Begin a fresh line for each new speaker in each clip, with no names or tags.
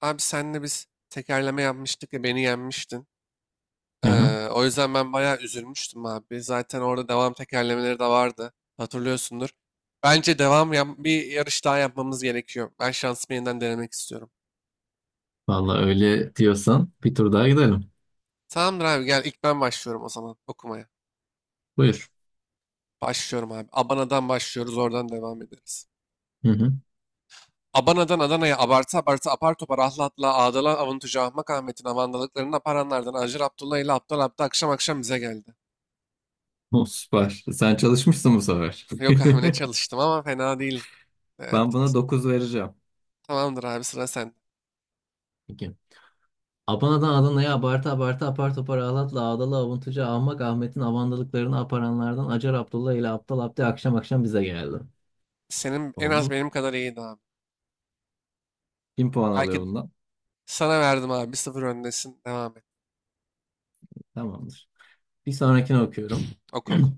Abi senle biz tekerleme yapmıştık ya beni yenmiştin.
Aha,
O yüzden ben bayağı üzülmüştüm abi. Zaten orada devam tekerlemeleri de vardı. Hatırlıyorsundur. Bence devam yap bir yarış daha yapmamız gerekiyor. Ben şansımı yeniden denemek istiyorum.
vallahi öyle diyorsan bir tur daha gidelim.
Tamamdır abi gel ilk ben başlıyorum o zaman okumaya.
Buyur.
Başlıyorum abi. Abana'dan başlıyoruz oradan devam ederiz.
Hı hı.
Abana'dan Adana'ya abartı abartı apar topar ahla atla ağdala avuntucu Ahmak Ahmet'in avandalıklarını aparanlardan Acır Abdullah ile Aptal Abdi akşam akşam bize geldi.
Oh, süper. Sen çalışmışsın bu sefer.
Yok abi ne çalıştım ama fena değil. Evet,
Ben buna 9 vereceğim.
tamamdır abi sıra sen.
Peki. Abana'dan Adana'ya abartı abartı apar topar ağlatla ağdalı avuntucu ahmak Ahmet'in avandalıklarını aparanlardan Acar Abdullah ile Aptal Abdi akşam akşam bize geldi.
Senin en
Oldu
az
mu?
benim kadar iyiydi abi.
1.000 puan alıyor
Belki
bundan.
sana verdim abi. Bir sıfır öndesin. Devam et.
Tamamdır. Bir sonrakini okuyorum.
Oku oku.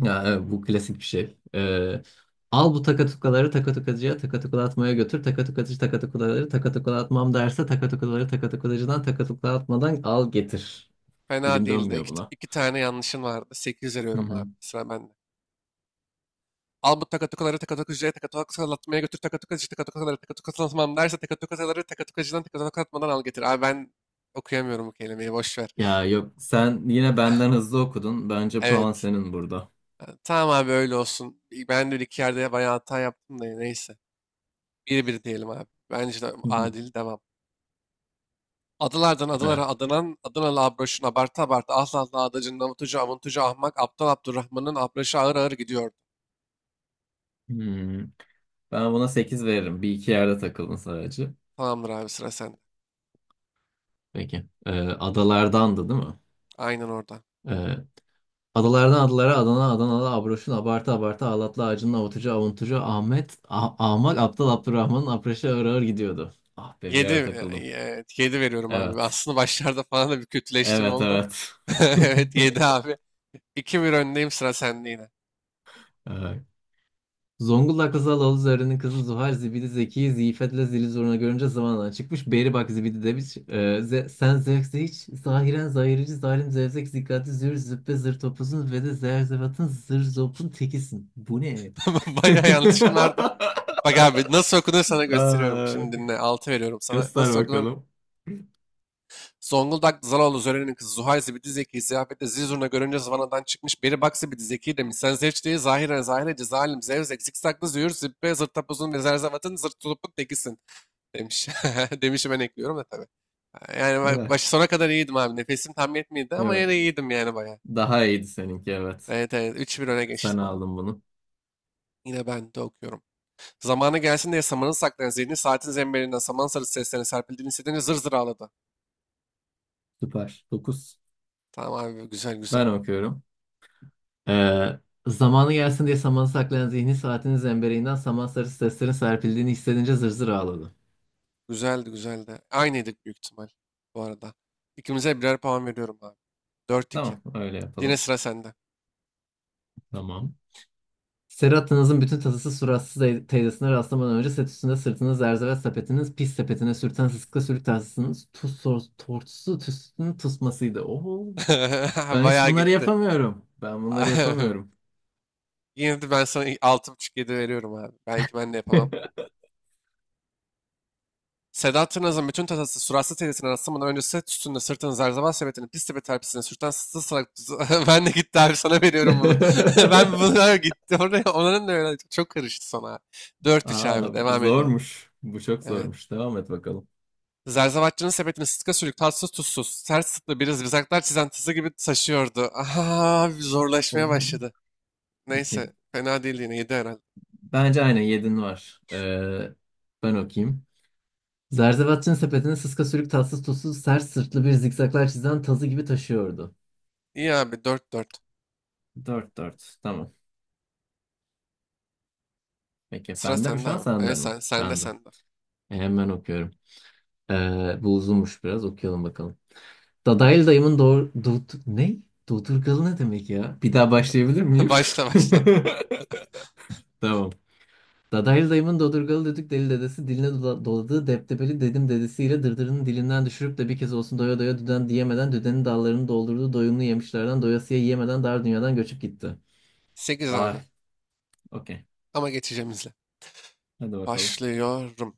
Ya evet, bu klasik bir şey. Al bu takatukaları takatukacıya takatukalatmaya götür. Takatukacı takatukaları takatukalatmam derse takatukaları takatukacıdan takatukalatmadan al getir.
Fena
Dilim
değildi.
dönmüyor
İki, t-
buna.
iki tane yanlışın vardı. Sekiz
Hı
veriyorum
hı.
abi. Sıra bende. Al bu takatukaları takatukucuya takatukalatmaya götür takatukatıcı takatukaları takatukalatmam derse takatukaları takatukatıcıdan takatukalatmadan al getir. Abi ben okuyamıyorum bu kelimeyi boş ver.
Ya yok sen yine benden hızlı okudun. Bence puan
Evet.
senin burada.
Ha, tamam abi öyle olsun. Ben de bir iki yerde bayağı hata yaptım da neyse. Bir bir diyelim abi. Bence de
Hı hı.
adil devam. Adalardan
Evet.
adalara adanan, Adanalı Abraş'ın abartı abartı asla azla adacın avutucu avuntucu ahmak aptal Abdurrahman'ın Abraş'ı ağır ağır gidiyordu.
Hmm. Ben buna 8 veririm. Bir iki yerde takıldın sadece.
Tamamdır abi sıra sende.
Peki. Adalardandı değil mi?
Aynen orada.
Ee, Adalardan adalara, Adana, Adanalı, Abroş'un abartı abartı, Ağlatlı, Acının avutucu, avuntucu, Ahmet, Ahmak, Aptal, Abdurrahman'ın apreşe ağır ağır gidiyordu. Ah be, bir
Yedi,
ara
e,
takıldım.
e, evet, yedi veriyorum abi.
Evet.
Aslında başlarda falan da bir kötüleştin
Evet,
oldu.
evet.
Evet 7 abi. 2 bir öndeyim sıra sende yine.
Evet. Zonguldaklı Zalalı Zöhre'nin kızı Zuhal Zibidi Zeki'yi Ziyfet'le zili zoruna görünce zamanla çıkmış. Beri bak Zibidi demiş. Sen zevkse hiç zahiren zahirici zalim zevzek zikati zür züppe zır topuzun ve de zerzevatın zır zopun tekisin. Bu ne?
Bayağı yanlışın vardı. Bak abi nasıl okunur sana gösteriyorum.
Ay,
Şimdi dinle 6 veriyorum sana.
göster
Nasıl okunur
bakalım.
Zonguldak Zaloğlu Zören'in kızı Zuhay Zibidi Zeki'yi ziyafette zil zurna görünce zıvanadan çıkmış beri bak Zibidi Zeki'yi de misansevçliği zahire zahire cezalim zevzek zikzaklı züğür zibbe zırt tapuzun ve zerzavatın zırt tulupuk tekisin demiş. Demişi ben ekliyorum da tabii. Yani
Neler?
başı sona kadar iyiydim abi. Nefesim tam yetmedi ama
Evet.
yine iyiydim yani bayağı.
Daha iyiydi seninki, evet.
Evet evet üç bir öne
Sen
geçtim abi.
aldın bunu.
Yine ben de okuyorum. Zamanı gelsin diye samanı saklayan zihni saatin zemberinden saman sarısı seslerine serpildiğini hissedince zır zır ağladı.
Süper. Dokuz.
Tamam abi güzel güzel.
Ben okuyorum. Ee, zamanı gelsin diye samanı saklayan zihni saatinin zembereğinden saman sarısı seslerin serpildiğini hissedince zır zır ağladı.
Güzeldi güzeldi. Aynıydık büyük ihtimal bu arada. İkimize birer puan veriyorum abi. Dört iki.
Tamam, öyle
Yine
yapalım.
sıra sende.
Tamam. Serhat'ınızın bütün tasası suratsız teyzesine rastlamadan önce set üstünde sırtını zerzevet sepetiniz pis sepetine sürten sıska sürük tahtasınız tuz tortusu tüsünün tusmasıydı. Oho. Ben hiç
Bayağı
bunları
gitti.
yapamıyorum. Ben bunları yapamıyorum.
Yine de ben sana altı buçuk yedi veriyorum abi. Belki ben de yapamam. Sedat Tırnaz'ın bütün tatası suratsız teyzesinin rastlamadan önce set üstünde sırtını zerzeval sepetini pis tepe terpisine sürten sızlı salak... ben de gitti abi sana veriyorum bunu. Ben bunlar gitti. Oraya, onların da öyle çok karıştı sana abi. Dört 3 abi
Aa, bu
devam ediyorum.
zormuş. Bu çok
Evet.
zormuş. Devam et bakalım.
Zerzavatçının sepetini sıtka sülük, tatsız tuzsuz, ters tıklı bir zikzaklar çizen tızı gibi taşıyordu. Aha, zorlaşmaya
Olmadı.
başladı.
Okey.
Neyse, fena değil yine, yedi herhalde.
Bence aynen yedin var. Ben okuyayım. Zerzevatçı'nın sepetini sıska sürük tatsız tuzsuz sert sırtlı bir zikzaklar çizen tazı gibi taşıyordu.
İyi abi, dört dört.
4-4. Tamam. Peki.
Sıra
Bende mi
sende
şu an,
abi.
sende
Evet
mi?
sen, sende
Bende.
sende.
Hemen okuyorum. Bu uzunmuş biraz. Okuyalım bakalım. Dadaylı dayımın doğru... Do ne? Dodurgalı ne demek ya? Bir daha başlayabilir miyim?
Başla başla.
Tamam. Dadaylı dayımın dodurgalı düdük deli dedesi diline doladığı deptebeli dedim dedesiyle dırdırının dilinden düşürüp de bir kez olsun doya doya düden diyemeden düdenin dallarını doldurduğu doyumlu yemişlerden doyasıya yiyemeden dar dünyadan göçüp gitti.
Sekiz
Ay,
abi.
okey.
Ama geçeceğim izle.
Hadi bakalım.
Başlıyorum.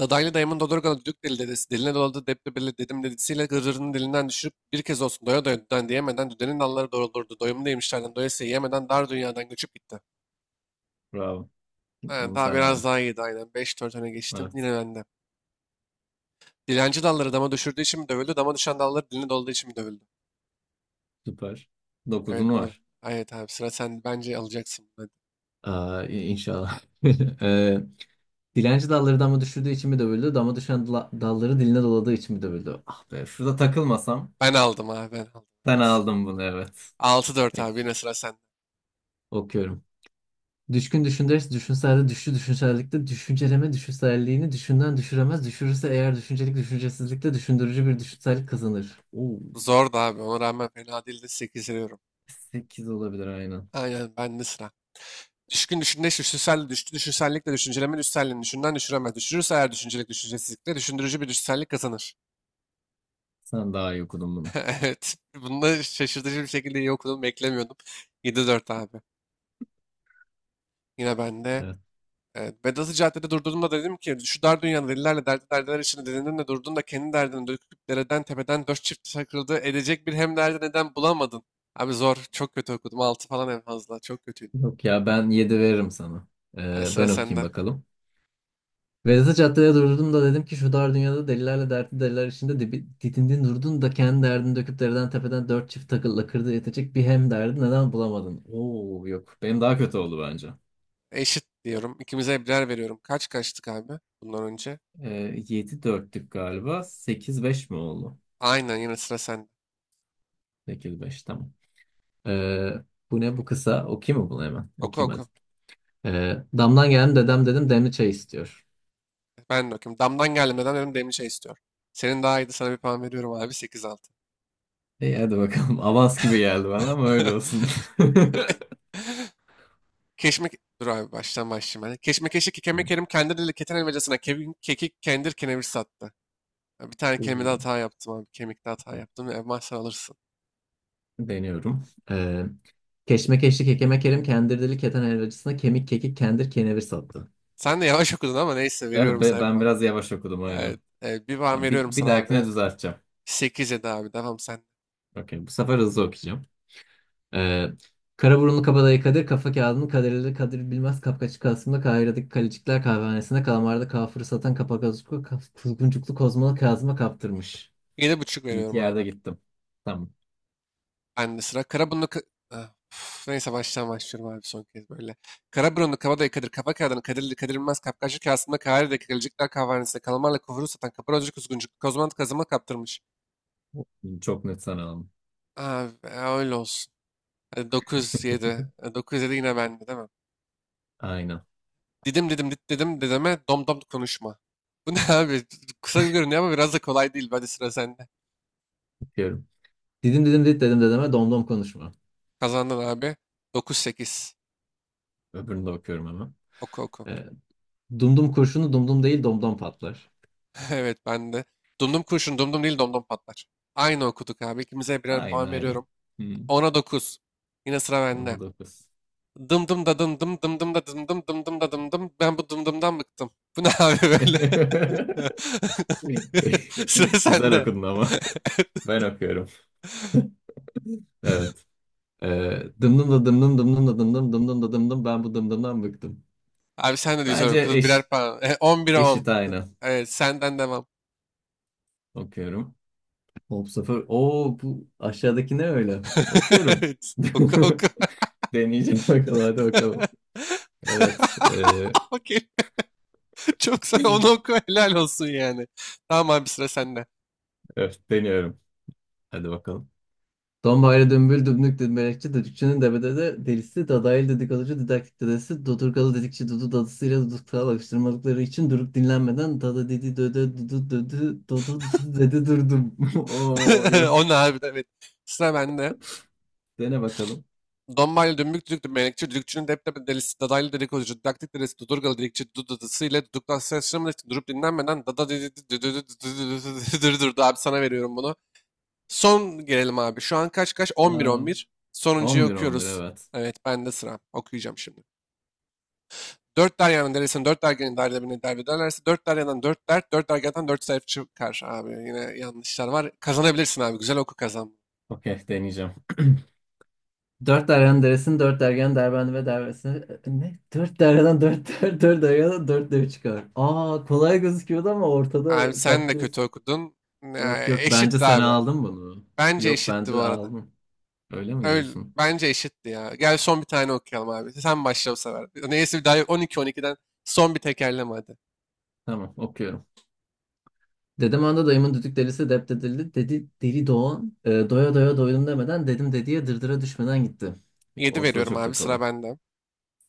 Dadaylı dayımın Dodurga'da düdük deli dedesi, diline doladı deptebeli dedim dedisiyle gırrının dilinden düşürüp bir kez olsun doya doya düden diyemeden düdenin dalları doğrulurdu. Doyumu demişlerden doyasıya yemeden dar dünyadan göçüp gitti.
Bravo.
Ha,
Bunu
daha
sen
biraz
aldın.
daha iyiydi aynen. Beş dört öne geçtim
Evet.
yine bende. Dilenci dalları dama düşürdüğü için mi dövüldü? Dama düşen dalları diline doladığı için mi dövüldü?
Süper. Dokuzunu
Evet bunu.
var.
Evet abi sıra sen bence alacaksın bunu.
Aa, inşallah. Ee, dilenci dalları dama düşürdüğü için mi dövüldü? Dama düşen dalları diline doladığı için mi dövüldü? Ah be, şurada takılmasam
Ben aldım abi ben aldım.
ben
Evet.
aldım bunu, evet.
Altı dört abi
Peki.
yine sıra sende.
Okuyorum. Düşkün düşündürüz, düşünselde düşü düşünsellikte düşünceleme düşünselliğini düşünden düşüremez. Düşürürse eğer düşüncelik düşüncesizlikte düşündürücü bir düşünsellik kazanır. Oo,
Zordu abi ona rağmen fena değildi 8 veriyorum.
8 olabilir aynen.
Aynen bende sıra. Düşkün düşünce düşünsel düştü. Düşünsellik de düşünceleme düşselliğini düşünden düşüremez. Düşürürse eğer düşüncelik düşüncesizlikle düşündürücü bir düşünsellik kazanır.
Sen daha iyi okudun bunu.
Evet. Bunda şaşırtıcı bir şekilde iyi okudum. Beklemiyordum. Yedi dört abi. Yine bende.
Evet.
Evet. Vedat'ı caddede durduğumda dedim ki şu dar dünyada delilerle dertli derdiler içinde delinin de durdun da kendi derdini döküp dereden tepeden dört çift takıldı edecek bir hem derdi neden bulamadın. Abi zor. Çok kötü okudum. Altı falan en fazla. Çok kötüydü.
Yok ya, ben 7 veririm sana.
Yani
Ee,
sıra
ben okuyayım
sende.
bakalım. Vedat'ı caddede durdum da dedim ki şu dar dünyada delilerle dertli deliler içinde didindin durdun da kendi derdini döküp deriden tepeden dört çift takılla kırdı yetecek bir hem derdi neden bulamadın? Oo yok, benim daha kötü oldu bence.
Eşit diyorum. İkimize birer veriyorum. Kaç kaçtık abi bundan önce?
7-4'lük galiba, 8-5 mi oldu?
Aynen yine sıra sende.
8-5, tamam. Ee, bu ne, bu kısa, okuyayım mı bunu hemen?
Oku
Okuyayım hadi.
oku.
Damdan geldim dedem, dedim demli çay istiyor.
Ben de okuyayım. Damdan geldim. Neden dedim demli çay istiyor. Senin daha iyiydi. Sana bir puan veriyorum abi. Sekiz altı.
İyi, hadi bakalım, avans gibi geldi bana ama öyle olsun.
keşme Dur abi baştan başlayayım ben. Keşmekeşi kekeme
Hı.
kerim kendi dili keten elmacasına kevin kekik kendir kenevir sattı. Ya bir tane kelimede
Oo,
hata yaptım abi. Kemikte hata
okey.
yaptım. Elmas sen alırsın.
Deniyorum. Ee, Keşmekeşlik Kekeme Kerim Kendirdili Keten Helvacısına Kemik Kekik Kendir Kenevir sattı.
Sen de yavaş okudun ama neyse
Evet,
veriyorum sana bir
ben
puan.
biraz yavaş okudum
Evet.
aynen.
Bir puan
Ya bir,
veriyorum
bir
sana
dahakine
abi.
düzelteceğim.
8-7 abi. Devam sen.
Okey, bu sefer hızlı okuyacağım. Ee, kara burunlu kabadayı Kadir, kafa kağıdını kaderleri Kadir Bilmez, Kapkaççı Kasım'da Kahire'deki Kalecikler Kahvehanesi'nde kalamarda kafırı satan kapakazuklu kuzguncuklu kozmalı Kazım'a kaptırmış.
Yedi buçuk
Bir iki
veriyorum
yerde
abi.
gittim. Tamam.
Ben de sıra. Karaburunlu... Ka- Ah, üf, Neyse baştan başlıyorum abi son kez böyle. Karaburunlu kabadayı Kadir kafa kağıdını Kadirli Kadir Bilmez kapkaçlı kasımda Kahire'deki Galecikler kahvehanesinde kalamarla kuvuru satan kaparozcu kuzguncuk kozmant kazıma kaptırmış.
Çok net, sana aldım.
Abi öyle olsun. Hadi 9-7. 9-7 yine bende değil mi?
Aynen.
Didim didim dit dedim dedeme dom dom konuşma. Bu ne abi? Kısa görünüyor ama biraz da kolay değil. Hadi sıra sende.
Okuyorum. Didim didim dit dedim dedeme domdom konuşma.
Kazandın abi. 9-8.
Öbürünü de okuyorum hemen.
Oku oku.
Ee, Dumdum kurşunu dumdum değil domdom patlar.
Evet ben de. Dumdum kurşun dumdum değil domdom patlar. Aynı okuduk abi. İkimize birer
Aynen,
puan
aynen.
veriyorum.
Hmm.
Ona dokuz. Yine sıra bende.
Ona da kız.
Dım dım da dım dım dım dım da dım dım dım dım da dım dım. Ben bu dım dımdan bıktım. Bu ne abi böyle? Sıra
Güzel
sende.
okudun ama. Ben okuyorum. Evet. Ee, dımdım da dımdım dımdım da dımdım dımdım da dımdım, ben bu dımdımdan bıktım.
Abi sen de güzel
Bence
okudun. Birer puan. 11'e on.
eşit, aynı.
Evet senden devam.
Okuyorum. Hop sıfır. Oo, bu aşağıdaki ne öyle? Okuyorum.
Evet. Oku oku.
Deneyeceğim. Bakalım, hadi bakalım. Evet.
Okey. Çok sen onu oku helal olsun yani. Tamam abi sıra sende.
Evet, deniyorum. Hadi bakalım. Dombaylı dümbül dümbük dümbelekçi düdükçünün debede de delisi dadaylı dedikoducu didaktik dedesi dodurgalı dedikçi dudu dadısıyla duduktağı alıştırmalıkları için durup dinlenmeden dada dedi dödö dudu dödü dodu dudu dedi durdum. Oo, yok.
Onu harbiden evet. Sıra bende.
Dene bakalım.
Dombaylı dümbük düdüklü melekçi, düdükçünün depremi delisi, dadaylı dedikoducu, didaktik delisi, dudurgalı dedikçi, dudadısı ile duduktan ses çıkmadığı için durup dinlenmeden dada durdu. Abi sana veriyorum bunu. Son gelelim abi. Şu an kaç kaç?
Aa,
11-11. Sonuncuyu
11-11,
okuyoruz.
evet.
Evet bende sıra. Okuyacağım şimdi. Dört deryanın deresini dört dergenin derdebine derbederlerse dört deryadan dört dert, dört dergadan dört sayfa çıkar abi. Yine yanlışlar var. Kazanabilirsin abi. Güzel oku kazan.
Okey, deneyeceğim. Dört deryanın deresini dört dergen derbendi ve derbesini ne? Dört deryadan dört der, dört deryadan dört dev çıkar. Aa, kolay gözüküyordu ama
Abi
ortada
sen de
patlıyor.
kötü okudun.
Yok
Ya,
yok, bence
eşitti
sen
abi.
aldın bunu.
Bence
Yok,
eşitti bu
bence
arada.
aldın. Öyle mi
Öyle,
diyorsun?
bence eşitti ya. Gel son bir tane okuyalım abi. Sen başla bu sefer. Neyse bir daha yok. 12-12'den son bir tekerleme hadi.
Tamam, okuyorum. Dedem anda dayımın düdük delisi dep dedildi. Dedi deli Doğan, doya doya doydum demeden dedim dediye dırdıra düşmeden gitti.
Yedi
Ortada
veriyorum
çok
abi sıra
takıldım.
bende.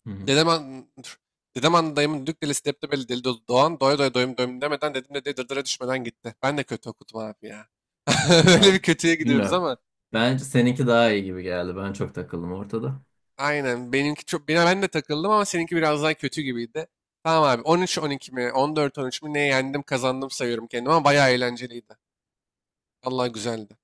Hı hı.
Dedem an... dur. Dedem anlı dayımın düdük delisi deptebeli deli dolu doğan doya doya doyum doyum demeden dedim de dırdıra düşmeden gitti. Ben de kötü okudum abi ya. Böyle bir
Abi,
kötüye gidiyoruz
bilmiyorum.
ama
Bence seninki daha iyi gibi geldi. Ben çok takıldım ortada.
aynen. Benimki çok ben de takıldım ama seninki biraz daha kötü gibiydi. Tamam abi. 13-12 mi? 14-13 mi? Ne yendim, kazandım sayıyorum kendimi ama bayağı eğlenceliydi. Allah güzeldi.